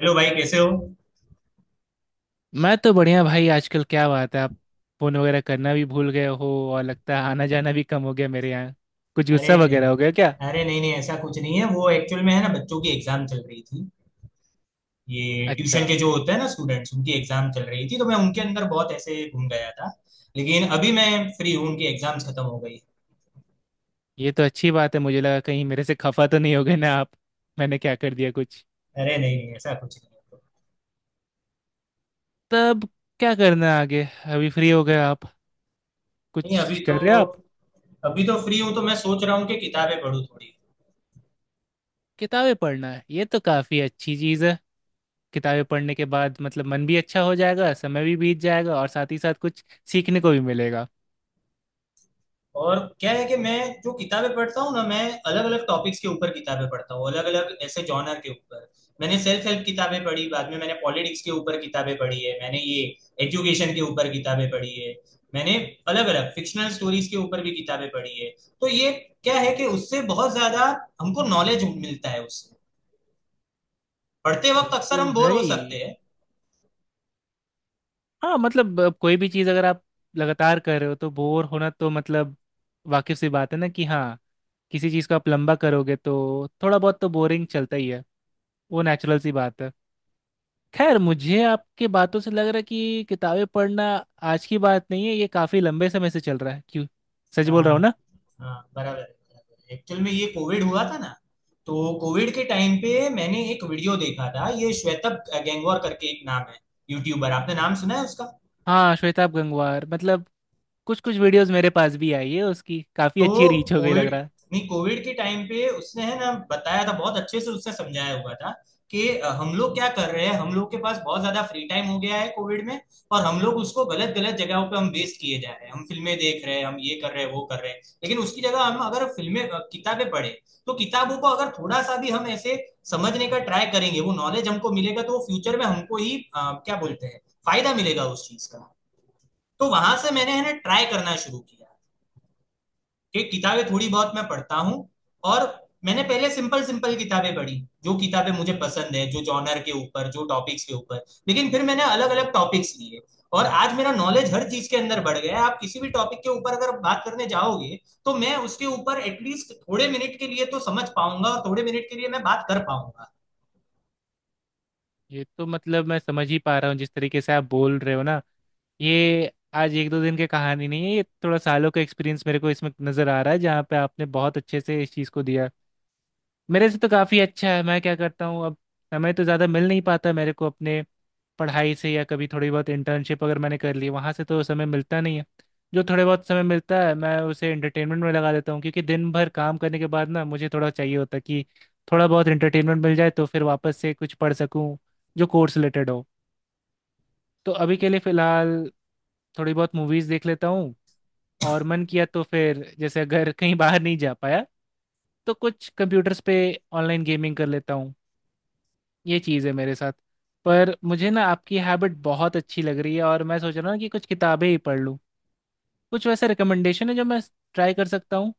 Hello भाई, कैसे हो? मैं तो बढ़िया भाई। आजकल क्या बात है आप फोन वगैरह करना भी भूल गए हो। और लगता है आना जाना भी कम हो गया मेरे यहाँ। कुछ अरे गुस्सा नहीं। वगैरह हो गया क्या? अरे नहीं नहीं, ऐसा कुछ नहीं है। वो एक्चुअल में है ना, बच्चों की एग्जाम चल रही थी। ये अच्छा। ट्यूशन के जो होते हैं ना स्टूडेंट्स, उनकी एग्जाम चल रही थी, तो मैं उनके अंदर बहुत ऐसे घूम गया था। लेकिन अभी मैं फ्री हूँ, उनकी एग्जाम्स खत्म हो गई। ये तो अच्छी बात है। मुझे लगा कहीं मेरे से खफा तो नहीं हो गए ना आप? मैंने क्या कर दिया कुछ? अरे नहीं नहीं, ऐसा कुछ नहीं है। तब क्या करना है आगे? अभी फ्री हो गए आप? नहीं, कुछ अभी तो कर रहे हो आप? अभी तो फ्री हूँ, तो मैं सोच रहा हूँ कि किताबें पढूं थोड़ी। किताबें पढ़ना है, ये तो काफ़ी अच्छी चीज़ है। किताबें पढ़ने के बाद मतलब मन भी अच्छा हो जाएगा, समय भी बीत जाएगा और साथ ही साथ कुछ सीखने को भी मिलेगा। और क्या है कि मैं जो किताबें पढ़ता हूँ ना, मैं अलग अलग टॉपिक्स के ऊपर किताबें पढ़ता हूँ, अलग अलग ऐसे जॉनर के ऊपर। मैंने सेल्फ हेल्प किताबें पढ़ी, बाद में मैंने पॉलिटिक्स के ऊपर किताबें पढ़ी है, मैंने ये एजुकेशन के ऊपर किताबें पढ़ी है, मैंने अलग अलग फिक्शनल स्टोरीज के ऊपर भी किताबें पढ़ी है। तो ये क्या है कि उससे बहुत ज्यादा हमको नॉलेज मिलता है। उससे पढ़ते ये वक्त अक्सर तो हम बोर है हो ही। सकते हैं। हाँ मतलब कोई भी चीज़ अगर आप लगातार कर रहे हो तो बोर होना तो मतलब वाकिफ सी बात है ना कि हाँ किसी चीज़ को आप लंबा करोगे तो थोड़ा बहुत तो बोरिंग चलता ही है। वो नेचुरल सी बात है। खैर मुझे आपके बातों से लग रहा है कि किताबें पढ़ना आज की बात नहीं है, ये काफ़ी लंबे समय से चल रहा है क्यों? सच बोल हाँ रहा हूँ ना? हाँ, बराबर है, बराबर। एक्चुअल में ये कोविड हुआ था ना, तो कोविड के टाइम पे मैंने एक वीडियो देखा था। ये श्वेतब गैंगवार करके एक नाम है, यूट्यूबर, आपने नाम सुना है उसका? हाँ श्वेताब गंगवार मतलब कुछ कुछ वीडियोस मेरे पास भी आई है उसकी, काफ़ी अच्छी तो रीच हो गई लग कोविड, रहा है। नहीं, कोविड के टाइम पे उसने है ना बताया था, बहुत अच्छे से उसने समझाया हुआ था कि हम लोग क्या कर रहे हैं, हम लोग के पास बहुत ज्यादा फ्री टाइम हो गया है कोविड में, और हम लोग उसको गलत गलत जगहों पे हम वेस्ट किए जा रहे हैं। हम फिल्में देख रहे हैं, हम ये कर रहे हैं, वो कर रहे हैं। लेकिन उसकी जगह हम अगर फिल्में किताबें पढ़े, तो किताबों को अगर थोड़ा सा भी हम ऐसे समझने का ट्राई करेंगे, वो नॉलेज हमको मिलेगा, तो फ्यूचर में हमको ही क्या बोलते हैं, फायदा मिलेगा उस चीज का। तो वहां से मैंने है ना ट्राई करना शुरू किया कि किताबें थोड़ी बहुत मैं पढ़ता हूँ। और मैंने पहले सिंपल सिंपल किताबें पढ़ी, जो किताबें मुझे पसंद है, जो जॉनर के ऊपर, जो टॉपिक्स के ऊपर। लेकिन फिर मैंने अलग अलग टॉपिक्स लिए, और आज मेरा नॉलेज हर चीज के अंदर बढ़ गया है। आप किसी भी टॉपिक के ऊपर अगर बात करने जाओगे, तो मैं उसके ऊपर एटलीस्ट थोड़े मिनट के लिए तो समझ पाऊंगा और थोड़े मिनट के लिए मैं बात कर पाऊंगा। ये तो मतलब मैं समझ ही पा रहा हूँ जिस तरीके से आप बोल रहे हो ना, ये आज एक दो दिन की कहानी नहीं है, ये थोड़ा सालों का एक्सपीरियंस मेरे को इसमें नज़र आ रहा है जहाँ पे आपने बहुत अच्छे से इस चीज़ को दिया। मेरे से तो काफ़ी अच्छा है। मैं क्या करता हूँ अब, समय तो ज़्यादा मिल नहीं पाता मेरे को अपने पढ़ाई से या कभी थोड़ी बहुत इंटर्नशिप अगर मैंने कर ली, वहाँ से तो समय मिलता नहीं है। जो थोड़े बहुत समय मिलता है मैं उसे एंटरटेनमेंट में लगा देता हूँ क्योंकि दिन भर काम करने के बाद ना मुझे थोड़ा चाहिए होता है कि थोड़ा बहुत एंटरटेनमेंट मिल जाए तो फिर वापस से कुछ पढ़ सकूँ जो कोर्स रिलेटेड हो। तो अभी के लिए फ़िलहाल थोड़ी बहुत मूवीज़ देख लेता हूँ और मन किया तो फिर जैसे अगर कहीं बाहर नहीं जा पाया तो कुछ कंप्यूटर्स पे ऑनलाइन गेमिंग कर लेता हूँ। ये चीज़ है मेरे साथ। पर मुझे ना आपकी हैबिट बहुत अच्छी लग रही है और मैं सोच रहा हूँ कि कुछ किताबें ही पढ़ लूँ। कुछ वैसे रिकमेंडेशन है जो मैं ट्राई कर सकता हूँ?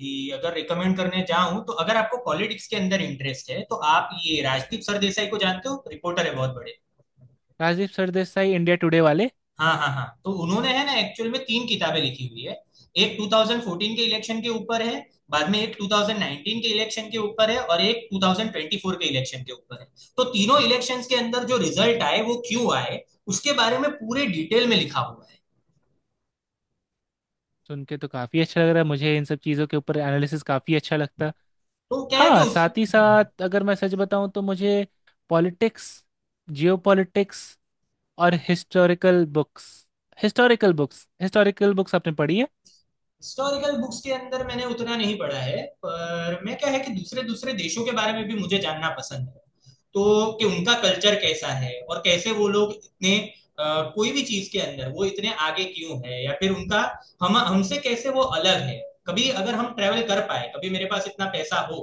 कि अगर रिकमेंड करने जाऊं, तो अगर आपको पॉलिटिक्स के अंदर इंटरेस्ट है, तो आप ये राजदीप सरदेसाई को जानते हो? रिपोर्टर है बहुत बड़े। राजीव सरदेसाई इंडिया टुडे वाले? हाँ हाँ हाँ, तो उन्होंने है ना एक्चुअल में तीन किताबें लिखी हुई है। एक 2014 के इलेक्शन के ऊपर है, बाद में एक 2019 के इलेक्शन के ऊपर है, और एक 2024 के इलेक्शन के ऊपर है। तो तीनों इलेक्शंस के अंदर जो रिजल्ट आए वो क्यों आए, उसके बारे में पूरे डिटेल में लिखा हुआ है। सुन के तो काफ़ी अच्छा लग रहा है, मुझे इन सब चीज़ों के ऊपर एनालिसिस काफ़ी अच्छा लगता है। तो क्या है कि हाँ उस साथ ही साथ अगर मैं सच बताऊँ तो मुझे पॉलिटिक्स, जियोपॉलिटिक्स और हिस्टोरिकल बुक्स आपने पढ़ी है? हिस्टोरिकल बुक्स के अंदर मैंने उतना नहीं पढ़ा है, पर मैं क्या है कि दूसरे दूसरे देशों के बारे में भी मुझे जानना पसंद है, तो कि उनका कल्चर कैसा है, और कैसे वो लोग इतने कोई भी चीज के अंदर वो इतने आगे क्यों है, या फिर उनका हम हमसे कैसे वो अलग है। कभी अगर हम ट्रेवल कर पाए, कभी मेरे पास इतना पैसा हो,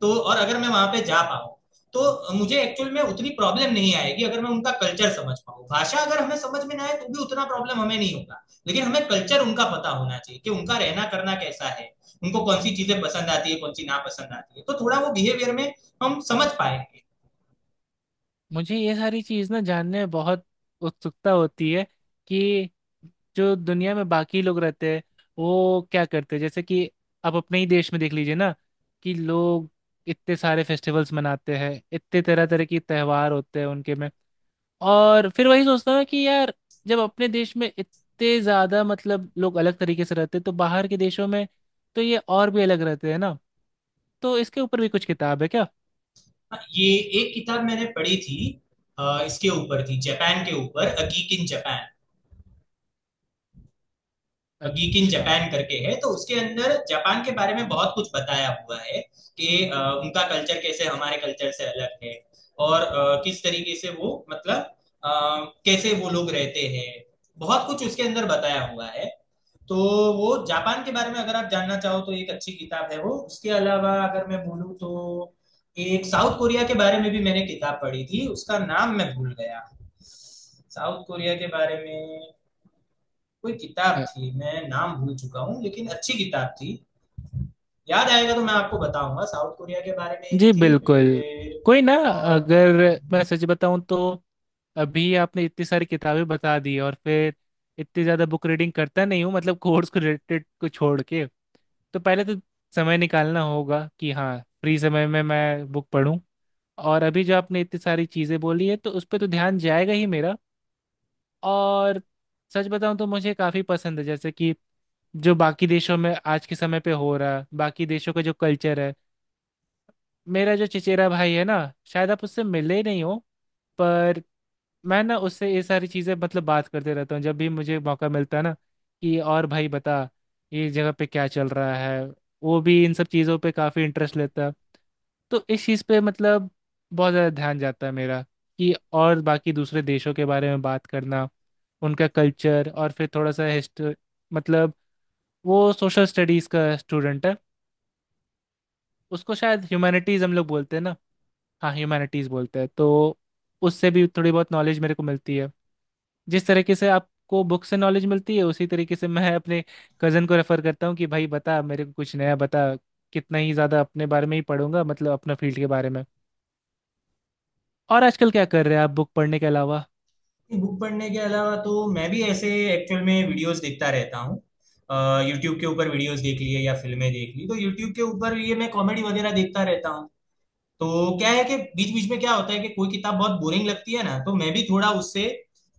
तो और अगर मैं वहां पे जा पाऊँ, तो मुझे एक्चुअल में उतनी प्रॉब्लम नहीं आएगी अगर मैं उनका कल्चर समझ पाऊँ। भाषा अगर हमें समझ में ना आए तो भी उतना प्रॉब्लम हमें नहीं होगा, लेकिन हमें कल्चर उनका पता होना चाहिए कि उनका रहना करना कैसा है, उनको कौन सी चीजें पसंद आती है, कौन सी ना पसंद आती है। तो थोड़ा वो बिहेवियर में हम समझ पाएंगे। मुझे ये सारी चीज़ ना जानने में बहुत उत्सुकता होती है कि जो दुनिया में बाकी लोग रहते हैं वो क्या करते हैं। जैसे कि आप अपने ही देश में देख लीजिए ना कि लोग इतने सारे फेस्टिवल्स मनाते हैं, इतने तरह तरह के त्यौहार होते हैं उनके में। और फिर वही सोचता हूँ कि यार जब अपने देश में इतने ज़्यादा मतलब लोग अलग तरीके से रहते हैं तो बाहर के देशों में तो ये और भी अलग रहते हैं ना। तो इसके ऊपर भी कुछ किताब है क्या? हाँ, ये एक किताब मैंने पढ़ी थी, इसके ऊपर थी, जापान के ऊपर, अ geek in Japan. Geek in अच्छा। जापान करके है, तो उसके अंदर जापान के बारे में बहुत कुछ बताया हुआ है कि उनका कल्चर कैसे हमारे कल्चर से अलग है, और किस तरीके से वो मतलब, अ, कैसे वो लोग रहते हैं, बहुत कुछ उसके अंदर बताया हुआ है। तो वो जापान के बारे में अगर आप जानना चाहो, तो एक अच्छी किताब है वो। उसके अलावा अगर मैं बोलूँ, तो एक साउथ कोरिया के बारे में भी मैंने किताब पढ़ी थी, उसका नाम मैं भूल गया। साउथ कोरिया के बारे में कोई किताब थी, मैं नाम भूल चुका हूँ, लेकिन अच्छी किताब थी। याद आएगा तो मैं आपको बताऊंगा। साउथ कोरिया के बारे में एक जी थी बिल्कुल। फिर। कोई ना। और अगर मैं सच बताऊं तो अभी आपने इतनी सारी किताबें बता दी और फिर इतनी ज़्यादा बुक रीडिंग करता नहीं हूँ मतलब कोर्स को रिलेटेड को छोड़ के। तो पहले तो समय निकालना होगा कि हाँ फ्री समय में मैं बुक पढूं। और अभी जो आपने इतनी सारी चीज़ें बोली है तो उस पर तो ध्यान जाएगा ही मेरा। और सच बताऊं तो मुझे काफ़ी पसंद है जैसे कि जो बाकी देशों में आज के समय पे हो रहा है, बाकी देशों का जो कल्चर है। मेरा जो चचेरा भाई है ना, शायद आप उससे मिले ही नहीं हो, पर मैं ना उससे ये सारी चीज़ें मतलब बात करते रहता हूँ जब भी मुझे मौका मिलता है ना कि और भाई बता ये जगह पे क्या चल रहा है। वो भी इन सब चीज़ों पे काफ़ी इंटरेस्ट लेता है। तो इस चीज़ पे मतलब बहुत ज़्यादा ध्यान जाता है मेरा कि और बाकी दूसरे देशों के बारे में बात करना, उनका कल्चर और फिर थोड़ा सा हिस्ट मतलब वो सोशल स्टडीज़ का स्टूडेंट है। उसको शायद ह्यूमैनिटीज़ हम लोग बोलते हैं ना। हाँ ह्यूमैनिटीज बोलते हैं तो उससे भी थोड़ी बहुत नॉलेज मेरे को मिलती है। जिस तरीके से आपको बुक से नॉलेज मिलती है उसी तरीके से मैं अपने कज़न को रेफर करता हूँ कि भाई बता मेरे को कुछ नया बता। कितना ही ज़्यादा अपने बारे में ही पढ़ूंगा मतलब अपना फील्ड के बारे में। और आजकल क्या कर रहे हैं आप बुक पढ़ने के अलावा? बुक पढ़ने के अलावा, तो मैं भी ऐसे एक्चुअल में वीडियोस देखता रहता हूँ। यूट्यूब के ऊपर वीडियोस देख लिए या फिल्में देख ली, तो यूट्यूब के ऊपर ये मैं कॉमेडी वगैरह देखता रहता हूँ। तो क्या है कि बीच बीच में क्या होता है कि कोई किताब बहुत बोरिंग लगती है ना, तो मैं भी थोड़ा उससे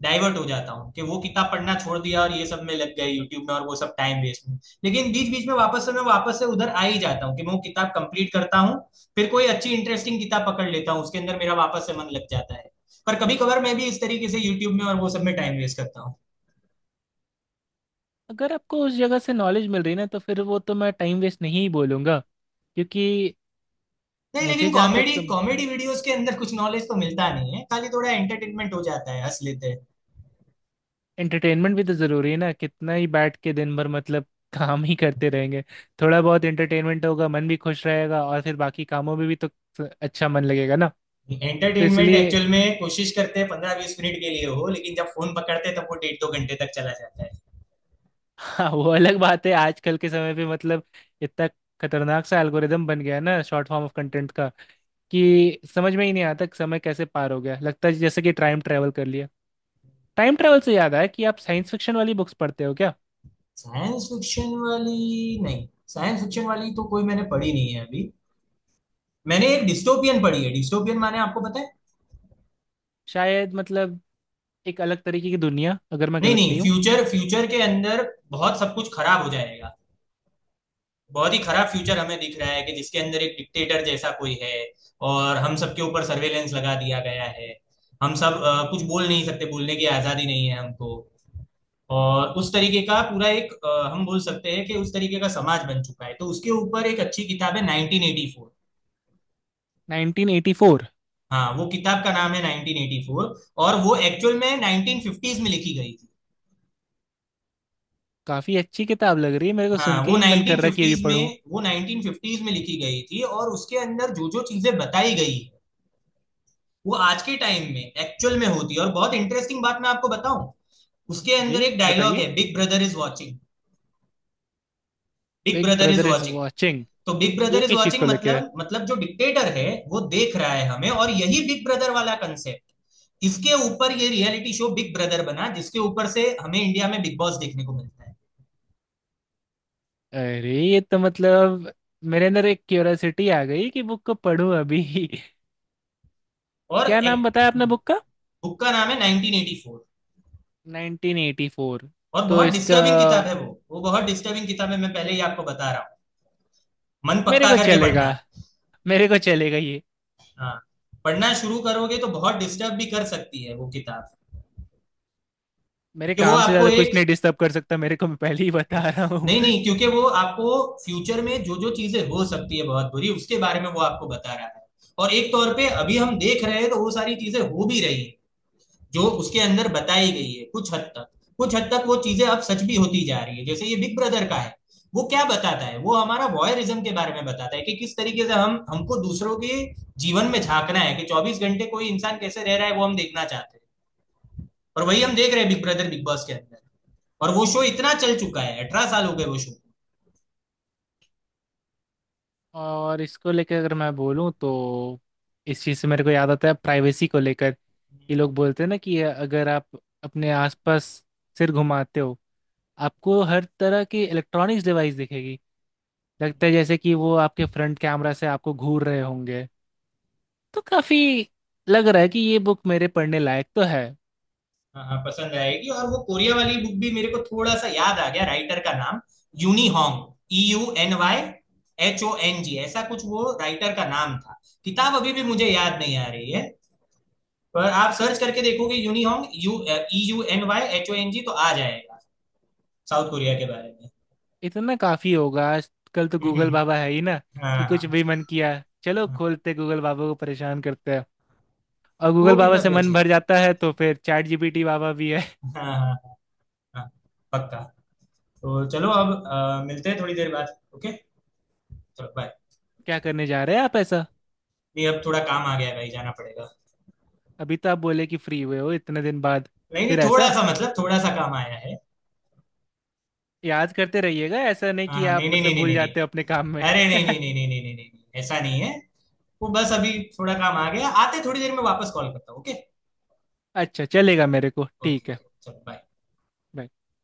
डाइवर्ट हो जाता हूँ कि वो किताब पढ़ना छोड़ दिया, और ये सब में लग गए, यूट्यूब में और वो सब, टाइम वेस्ट में। लेकिन बीच बीच में वापस से मैं वापस से उधर आ ही जाता हूँ कि मैं वो किताब कंप्लीट करता हूँ। फिर कोई अच्छी इंटरेस्टिंग किताब पकड़ लेता हूँ, उसके अंदर मेरा वापस से मन लग जाता है। पर कभी कभार मैं भी इस तरीके से यूट्यूब में और वो सब में टाइम वेस्ट करता हूँ। अगर आपको उस जगह से नॉलेज मिल रही है ना तो फिर वो तो मैं टाइम वेस्ट नहीं बोलूंगा क्योंकि नहीं, मुझे लेकिन जहाँ तक कॉमेडी कॉमेडी वीडियोस के अंदर कुछ नॉलेज तो मिलता नहीं है, खाली थोड़ा एंटरटेनमेंट हो जाता है, हंस लेते हैं। एंटरटेनमेंट भी तो जरूरी है ना, कितना ही बैठ के दिन भर मतलब काम ही करते रहेंगे। थोड़ा बहुत एंटरटेनमेंट होगा मन भी खुश रहेगा और फिर बाकी कामों में भी तो अच्छा मन लगेगा ना। तो एंटरटेनमेंट इसलिए एक्चुअल में कोशिश करते हैं पंद्रह बीस मिनट के लिए हो, लेकिन जब फोन पकड़ते हैं तब वो डेढ़ दो घंटे तक चला जाता है। हाँ वो अलग बात है। आजकल के समय पे मतलब इतना खतरनाक सा एल्गोरिदम बन गया है ना शॉर्ट फॉर्म ऑफ कंटेंट का कि समझ में ही नहीं आता कि समय कैसे पार हो गया, लगता है जैसे कि टाइम ट्रेवल कर लिया। टाइम ट्रेवल से याद आया कि आप साइंस फिक्शन वाली बुक्स पढ़ते हो क्या? साइंस फिक्शन वाली नहीं। साइंस फिक्शन वाली तो कोई मैंने पढ़ी नहीं है अभी। मैंने एक डिस्टोपियन पढ़ी है। डिस्टोपियन माने आपको पता है? शायद मतलब एक अलग तरीके की दुनिया, अगर मैं नहीं गलत नहीं, नहीं हूँ। फ्यूचर फ्यूचर के अंदर बहुत सब कुछ खराब हो जाएगा। बहुत ही खराब फ्यूचर हमें दिख रहा है, कि जिसके अंदर एक डिक्टेटर जैसा कोई है, और हम सबके ऊपर सर्वेलेंस लगा दिया गया है। हम सब कुछ बोल नहीं सकते, बोलने की आजादी नहीं है हमको, और उस तरीके का पूरा एक हम बोल सकते हैं कि उस तरीके का समाज बन चुका है। तो उसके ऊपर एक अच्छी किताब है, 1984। 1984? हाँ, वो किताब का नाम है 1984, और वो एक्चुअल में 1950s में लिखी गई थी। काफी अच्छी किताब लग रही है, मेरे को हाँ, सुन के वो ही मन कर रहा है कि अभी 1950s पढूं। में वो 1950s में लिखी गई थी, और उसके अंदर जो जो चीजें बताई गई है, वो आज के टाइम में एक्चुअल में होती है। और बहुत इंटरेस्टिंग बात मैं आपको बताऊं, उसके अंदर जी एक डायलॉग बताइए। है, big brother is watching. Big big brother is brother is watching. Watching. तो बिग ब्रदर ये इज किस चीज वॉचिंग को लेके है? मतलब जो डिक्टेटर है वो देख रहा है हमें, और यही बिग ब्रदर वाला कंसेप्ट, इसके ऊपर ये रियलिटी शो बिग ब्रदर बना, जिसके ऊपर से हमें इंडिया में बिग बॉस देखने को मिलता है। अरे ये तो मतलब मेरे अंदर एक क्यूरियोसिटी आ गई कि बुक को पढूं अभी। और क्या नाम एक बताया आपने बुक का? बुक का नाम है 1984। 1984? और तो बहुत इसका, डिस्टर्बिंग किताब है वो, बहुत डिस्टर्बिंग किताब है, मैं पहले ही आपको बता रहा हूँ, मन मेरे पक्का को करके चलेगा, पढ़ना। मेरे को चलेगा ये। हाँ, पढ़ना शुरू करोगे तो बहुत डिस्टर्ब भी कर सकती है वो किताब। मेरे कि वो काम से आपको ज्यादा कुछ एक, नहीं डिस्टर्ब कर सकता मेरे को, मैं पहले ही बता रहा हूँ। नहीं नहीं, क्योंकि वो आपको फ्यूचर में जो जो चीजें हो सकती है बहुत बुरी, उसके बारे में वो आपको बता रहा है। और एक तौर पे अभी हम देख रहे हैं, तो वो सारी चीजें हो भी रही है जो उसके अंदर बताई गई है, कुछ हद तक। कुछ हद तक वो चीजें अब सच भी होती जा रही है, जैसे ये बिग ब्रदर का है। वो क्या बताता है, वो हमारा वॉयरिज्म के बारे में बताता है कि किस तरीके से हम, हमको दूसरों के जीवन में झांकना है, कि चौबीस घंटे कोई इंसान कैसे रह रहा है वो हम देखना चाहते हैं। और वही हम देख रहे हैं बिग ब्रदर, बिग बॉस के अंदर, और वो शो इतना चल चुका है, अठारह साल हो गए वो शो को। और इसको लेकर अगर मैं बोलूँ तो इस चीज़ से मेरे को याद आता है प्राइवेसी को लेकर। ये लोग बोलते हैं ना कि अगर आप अपने आसपास सिर घुमाते हो आपको हर तरह की इलेक्ट्रॉनिक्स डिवाइस दिखेगी, लगता है जैसे कि वो आपके फ्रंट कैमरा से आपको घूर रहे होंगे। तो काफ़ी लग रहा है कि ये बुक मेरे पढ़ने लायक तो है। हाँ हाँ, पसंद आएगी। और वो कोरिया वाली बुक, भी मेरे को थोड़ा सा याद आ गया, राइटर का नाम Euny Hong, E U N Y H O N G, ऐसा कुछ वो राइटर का नाम था। किताब अभी भी मुझे याद नहीं आ रही है, पर आप सर्च करके देखोगे Euny Hong, U E U N Y H O N G, तो आ जाएगा, साउथ कोरिया के बारे में। इतना काफ़ी होगा, आजकल तो हम्म, गूगल हम्म, बाबा है ही ना, हाँ कि हाँ कुछ हाँ। भी मन किया चलो हाँ। खोलते गूगल बाबा को परेशान करते हैं। और वो गूगल बाबा किताब से भी मन अच्छी है। भर जाता है तो फिर चैट जीपीटी बाबा भी है। हाँ हाँ। हाँ। पक्का। तो चलो अब मिलते हैं थोड़ी देर बाद, ओके। चलो बाय। क्या करने जा रहे हैं आप ऐसा? नहीं, अब थोड़ा काम आ गया है भाई, जाना पड़ेगा। अभी तो आप बोले कि फ्री हुए हो इतने दिन बाद। नहीं नहीं, फिर थोड़ा ऐसा सा मतलब थोड़ा सा काम आया है। याद करते रहिएगा, ऐसा नहीं हाँ कि हाँ, आप नहीं नहीं नहीं मतलब नहीं भूल नहीं जाते हो अपने काम में। नहीं। अरे नहीं नहीं नहीं नहीं नहीं नहीं नहीं नहीं, ऐसा नहीं है। वो बस अभी थोड़ा काम आ गया, आते थोड़ी देर में वापस कॉल करता हूँ, ओके। अच्छा चलेगा मेरे को, ओके ठीक है। ओके, चलो bye. bye।